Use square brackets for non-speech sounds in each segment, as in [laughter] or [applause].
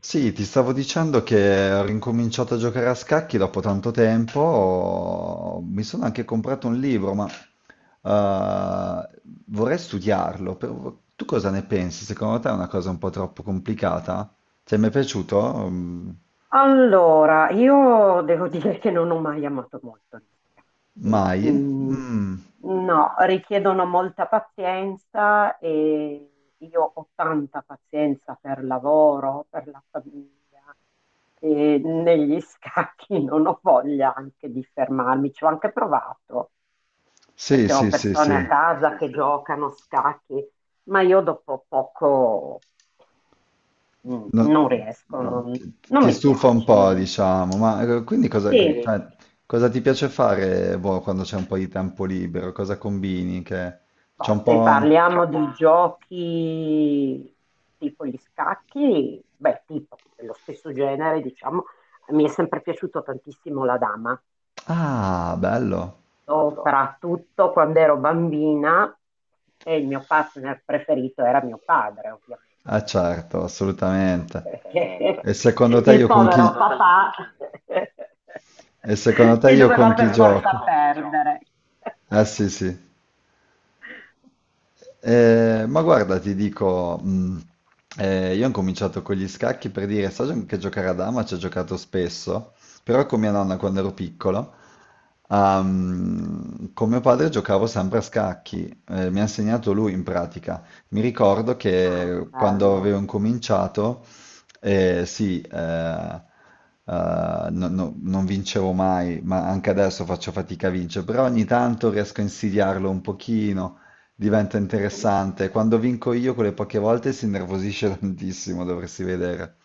Sì, ti stavo dicendo che ho ricominciato a giocare a scacchi dopo tanto tempo, mi sono anche comprato un libro, ma eh, vorrei studiarlo. Tu cosa ne pensi? Secondo te è una cosa un po' troppo complicata? Ti è mai piaciuto? Allora, io devo [laughs] dire che non ho mai amato molto gli scacchi. Mai? Mm. Mm, No, richiedono molta pazienza e io ho tanta pazienza per lavoro, per la famiglia e negli [laughs] scacchi non ho voglia anche di fermarmi. Ci ho anche provato Sì, perché ho sì, sì, persone a sì. casa che giocano a scacchi, ma io dopo poco No, non riesco, non ti mi stufa un po', piacciono. diciamo, ma quindi cosa, Sì. cioè, cosa ti piace fare, boh, quando c'è un po' di tempo libero? Cosa combini? Che c'è Boh, un se po'... parliamo di giochi tipo gli scacchi, beh, tipo dello stesso genere, diciamo, mi è sempre piaciuto tantissimo la dama, Ah, bello. soprattutto quando ero bambina e il mio partner preferito era mio padre, Ah, ovviamente, certo, assolutamente. perché E secondo [laughs] te il ci io con povero chi... sono tanti, papà E secondo [laughs] che te ci io con doveva per chi sono tanti forza giochi, gioco? perdere. Eh sì, sì. Ma guarda, ti dico, io ho cominciato con gli scacchi, per dire, so che giocare a dama ci ho giocato spesso, però con mia nonna quando ero piccolo, con mio padre giocavo sempre a scacchi, mi ha insegnato lui in pratica. Mi ricordo Ah, che quando bello. avevo incominciato, eh, sì, eh, non vincevo mai, ma anche adesso faccio fatica a vincere, però ogni tanto riesco a insidiarlo un pochino, diventa interessante. Quando vinco io quelle poche volte si innervosisce [laughs] tantissimo, dovresti vedere.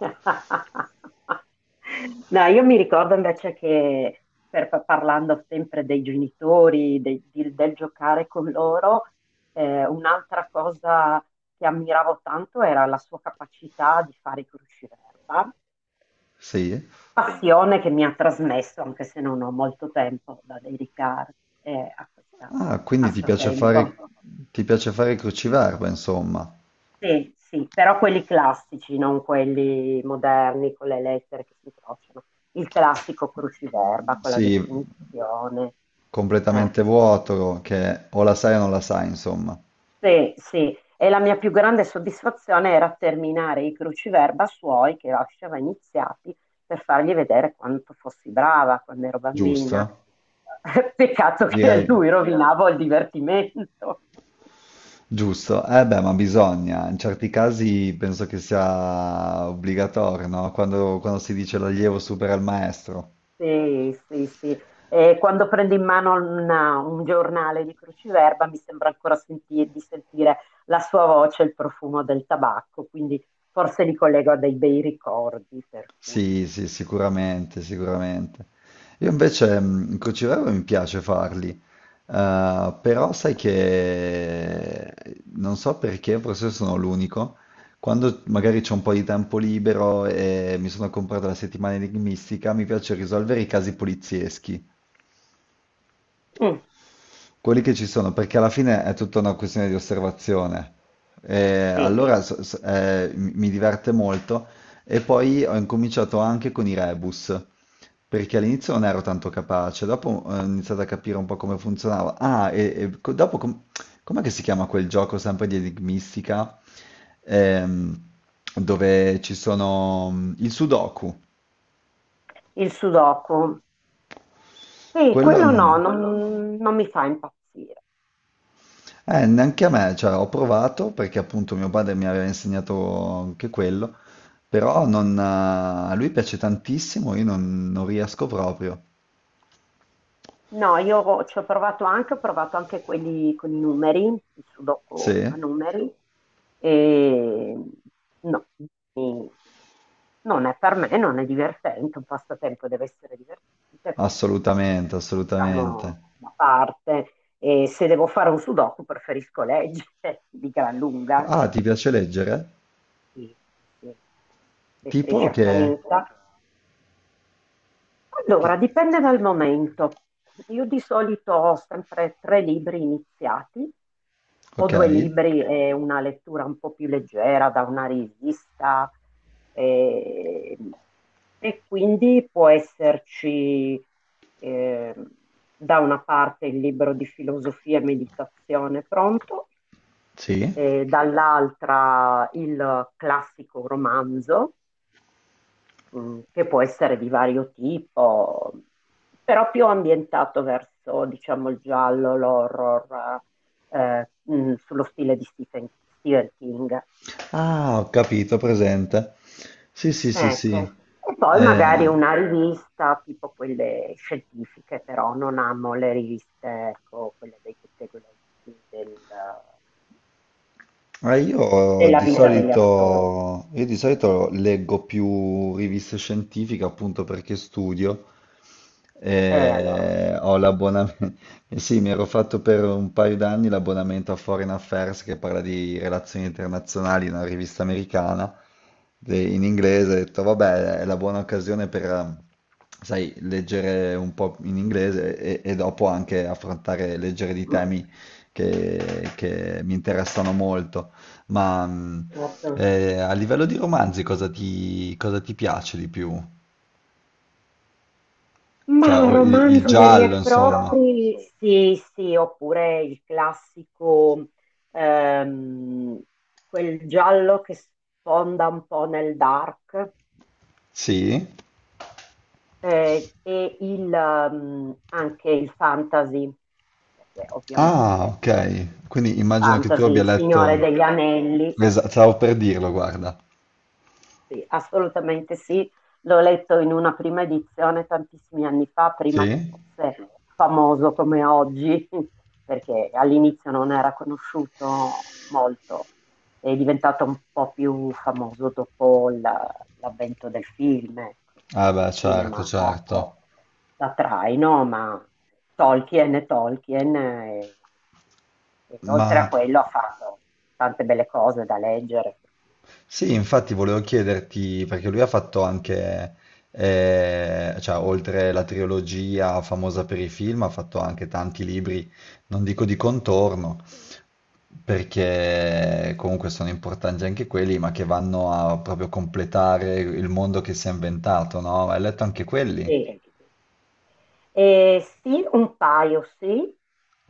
[laughs] No, io mi ricordo invece che parlando sempre dei genitori, del giocare con loro, un'altra cosa che ammiravo tanto era la sua capacità di fare i crusciverba. Sì, Sì? passione che mi ha trasmesso, anche se non ho molto tempo da dedicare a questo sì, Ah, quindi passatempo. ti piace fare il cruciverba, insomma. Sì, sì, però quelli classici, non quelli moderni con le lettere che si incrociano. Il classico cruciverba con la Sì, definizione. Eh, completamente vuoto, che o la sai o non la sai, insomma. Sì, sì. E la mia più grande soddisfazione era terminare i cruciverba suoi che lasciava iniziati per fargli vedere quanto fossi brava quando ero bambina. Giusto? [laughs] Peccato che Direi lui rovinava il divertimento. giusto. Eh beh, ma bisogna. In certi casi penso che sia obbligatorio, no? Quando, quando si dice l'allievo supera il maestro. Sì, sì, sì. E quando prendo in mano un giornale di cruciverba mi sembra ancora di sentire la sua voce e il profumo del tabacco, quindi forse li collego a dei bei ricordi, per cui... Sì, sì, sicuramente, sicuramente. Io invece in crociera mi piace farli, però sai che non so perché, forse sono l'unico. Quando magari c'è un po' di tempo libero e mi sono comprato la Settimana Enigmistica, mi piace risolvere i casi polizieschi Mm, quelli che ci sono, perché alla fine è tutta una questione di osservazione. E sì. allora mi diverte molto, e poi ho incominciato anche con i rebus, perché all'inizio non ero tanto capace, dopo ho iniziato a capire un po' come funzionava. Ah, e, e co- dopo com- com'è che si chiama quel gioco sempre di enigmistica? Ehm, dove ci sono, il Sudoku. Il sudoku. Sì, Quello quello non... no, non mi fa impazzire. Neanche a me, cioè ho provato perché appunto mio padre mi aveva insegnato anche quello, però non, a lui piace tantissimo, io non, non riesco proprio. No, io ci ho provato anche quelli con i numeri, il sudoku a Sì, numeri, e no, mi- non è per me, non è divertente. Un passatempo deve essere divertente, quindi assolutamente, lo lasciamo assolutamente. da parte. E se devo fare un sudoku preferisco leggere [laughs] di gran lunga, Ah, ti piace leggere? sì, sì. Lettrice Tipo che... accanita. Allora, che- dipende dal momento. Io di solito ho sempre tre libri iniziati, o Ok, due libri e una lettura un po' più leggera da una rivista, e, e quindi può esserci eh, da una parte il libro di filosofia e meditazione pronto, sì. e dall'altra il classico romanzo che può essere di vario tipo, però più ambientato verso, diciamo, il giallo, l'horror, sullo stile di Stephen King. Ah, ho capito, presente. Sì, sì, sì, Ecco. sì. E poi magari Eh, una rivista tipo quelle scientifiche, però non amo le riviste, ecco, quelle dei pettegolezzi eh, della vita degli, no, attori, insomma. Io di solito leggo più riviste scientifiche appunto perché studio. E allora, Ho l'abbonamento, [laughs] eh sì, mi ero fatto per un paio d'anni l'abbonamento a Foreign Affairs, che parla di relazioni internazionali, una rivista americana in inglese. Ho detto, vabbè, è la buona occasione per, sai, leggere un po' in inglese e dopo anche affrontare, leggere di temi che mi interessano molto. Ma eh, eh, a livello di romanzi cosa ti piace di più? Cioè, ma o il romanzo veri giallo, e insomma. propri, sì, sì, oppure il classico, ehm, quel giallo che sfonda un po' nel dark, Sì? E il, anche il fantasy, perché Ah, ovviamente ok. Quindi immagino che tu fantasy, abbia il Signore letto... degli Anelli, sì. Esatto, stavo per dirlo, guarda. Sì, assolutamente sì, l'ho letto in una prima edizione tantissimi anni fa, prima che Sì? fosse famoso come oggi, [laughs] perché all'inizio non era conosciuto molto, è diventato un po' più famoso dopo l'avvento del film, ecco. Ah Il beh, cinema, certo, mm, ha fatto certo. da traino, ma Tolkien è Tolkien, e oltre Ma a quello ha fatto tante belle cose da leggere. sì, infatti volevo chiederti, perché lui ha fatto anche, cioè, oltre la trilogia famosa per i film, ha fatto anche tanti libri, non dico di contorno, perché comunque sono importanti anche quelli, ma che vanno a proprio completare il mondo che si è inventato, no? Hai letto anche quelli? Sì. Sì, un paio, sì.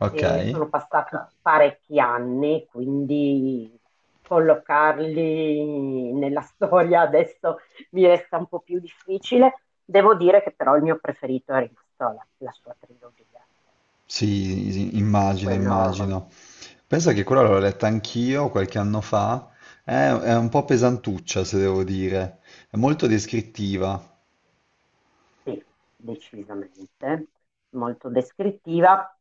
Ok, Sono passati parecchi anni, quindi collocarli nella storia adesso mi resta un po' più difficile. Devo dire che però il mio preferito è rimasto la sua trilogia. sì, sì, immagino, Quello immagino. Pensa che quella l'ho letta anch'io qualche anno fa. È un po' pesantuccia, se devo dire. È molto descrittiva. sì, decisamente, molto descrittiva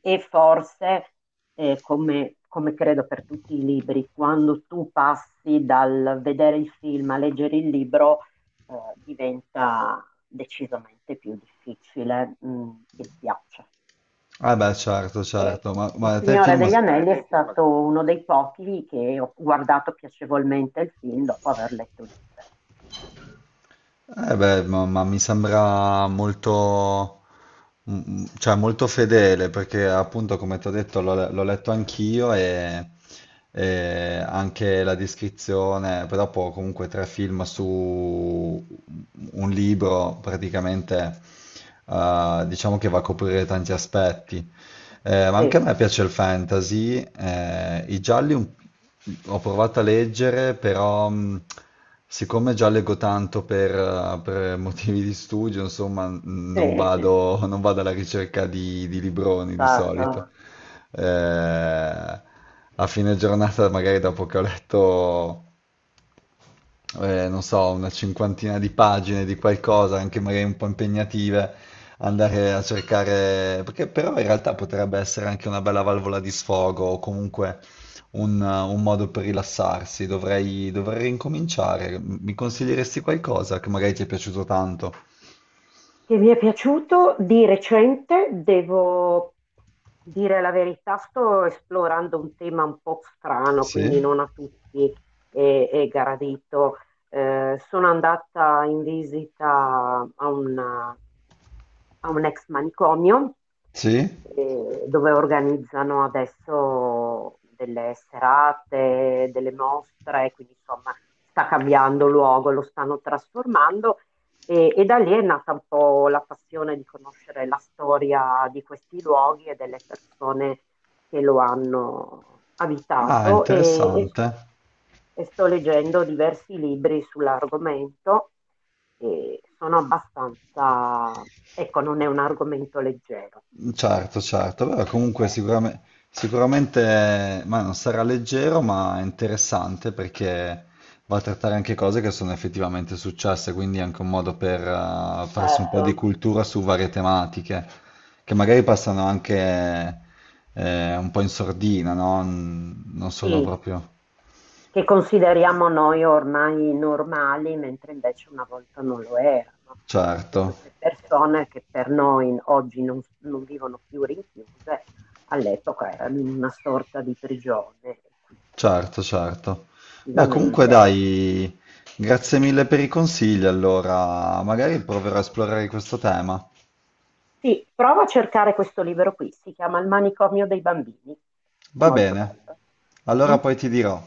e forse, come, come credo per tutti i libri, quando tu passi dal vedere il film a leggere il libro, diventa decisamente più difficile, che ti piaccia. Ah beh, certo, certo, Sì, il ma sì, a te il Signore film... degli Anelli assolutamente è il film. Stato uno dei pochi che ho guardato piacevolmente il film dopo aver letto il libro. Eh beh, ma mi sembra molto, mm, mm, cioè molto fedele, perché appunto come ti ho detto l'ho letto anch'io e anche la descrizione, però poi comunque tre film su un libro praticamente, diciamo che va a coprire tanti aspetti. Ma Sì, anche a me piace il fantasy, i gialli ho provato a leggere, però... siccome già leggo tanto per motivi di studio, insomma, sì, sì, non è ti dico, vado, non vado alla ricerca di libroni di solito. stato. A fine giornata, magari dopo che ho letto non so, una 50ina di pagine di qualcosa, anche magari un po' impegnative, andare a cercare, perché però in realtà potrebbe essere anche una bella valvola di sfogo o comunque un modo per rilassarsi. Dovrei, dovrei ricominciare. Mi consiglieresti qualcosa che magari ti è piaciuto tanto? Che mi è piaciuto di recente, devo dire la verità, sto esplorando un tema un po' strano, Sì? quindi non a tutti è gradito. Sono andata in visita a a un ex manicomio Sì? Dove organizzano adesso delle serate, delle mostre, quindi insomma sta cambiando luogo, lo stanno trasformando e da lì è nata un po' la passione di conoscere la storia di questi luoghi e delle persone che lo hanno Ah, abitato interessante. e sto leggendo diversi libri sull'argomento, e sono abbastanza, ecco, non è un argomento leggero. Certo, certo, Perché però comunque... comunque sicuramente, ma non sarà leggero, ma è interessante perché va a trattare anche cose che sono effettivamente successe, quindi è anche un modo per, farsi un po' di Certo. cultura su varie tematiche, che magari passano anche un po' in sordina, no? Non sono Sì, proprio... che consideriamo noi ormai normali, mentre invece una volta non lo erano, perché Certo, queste persone che per noi oggi non vivono più rinchiuse, all'epoca erano in una sorta di prigione. E quindi, certo, certo. Beh, comunque effettivamente, dai, grazie mille per i consigli, allora magari proverò a esplorare questo tema. sì, prova a cercare questo libro qui, si chiama Il manicomio dei bambini, è Va molto bene, bello. allora Mm? poi ti dirò.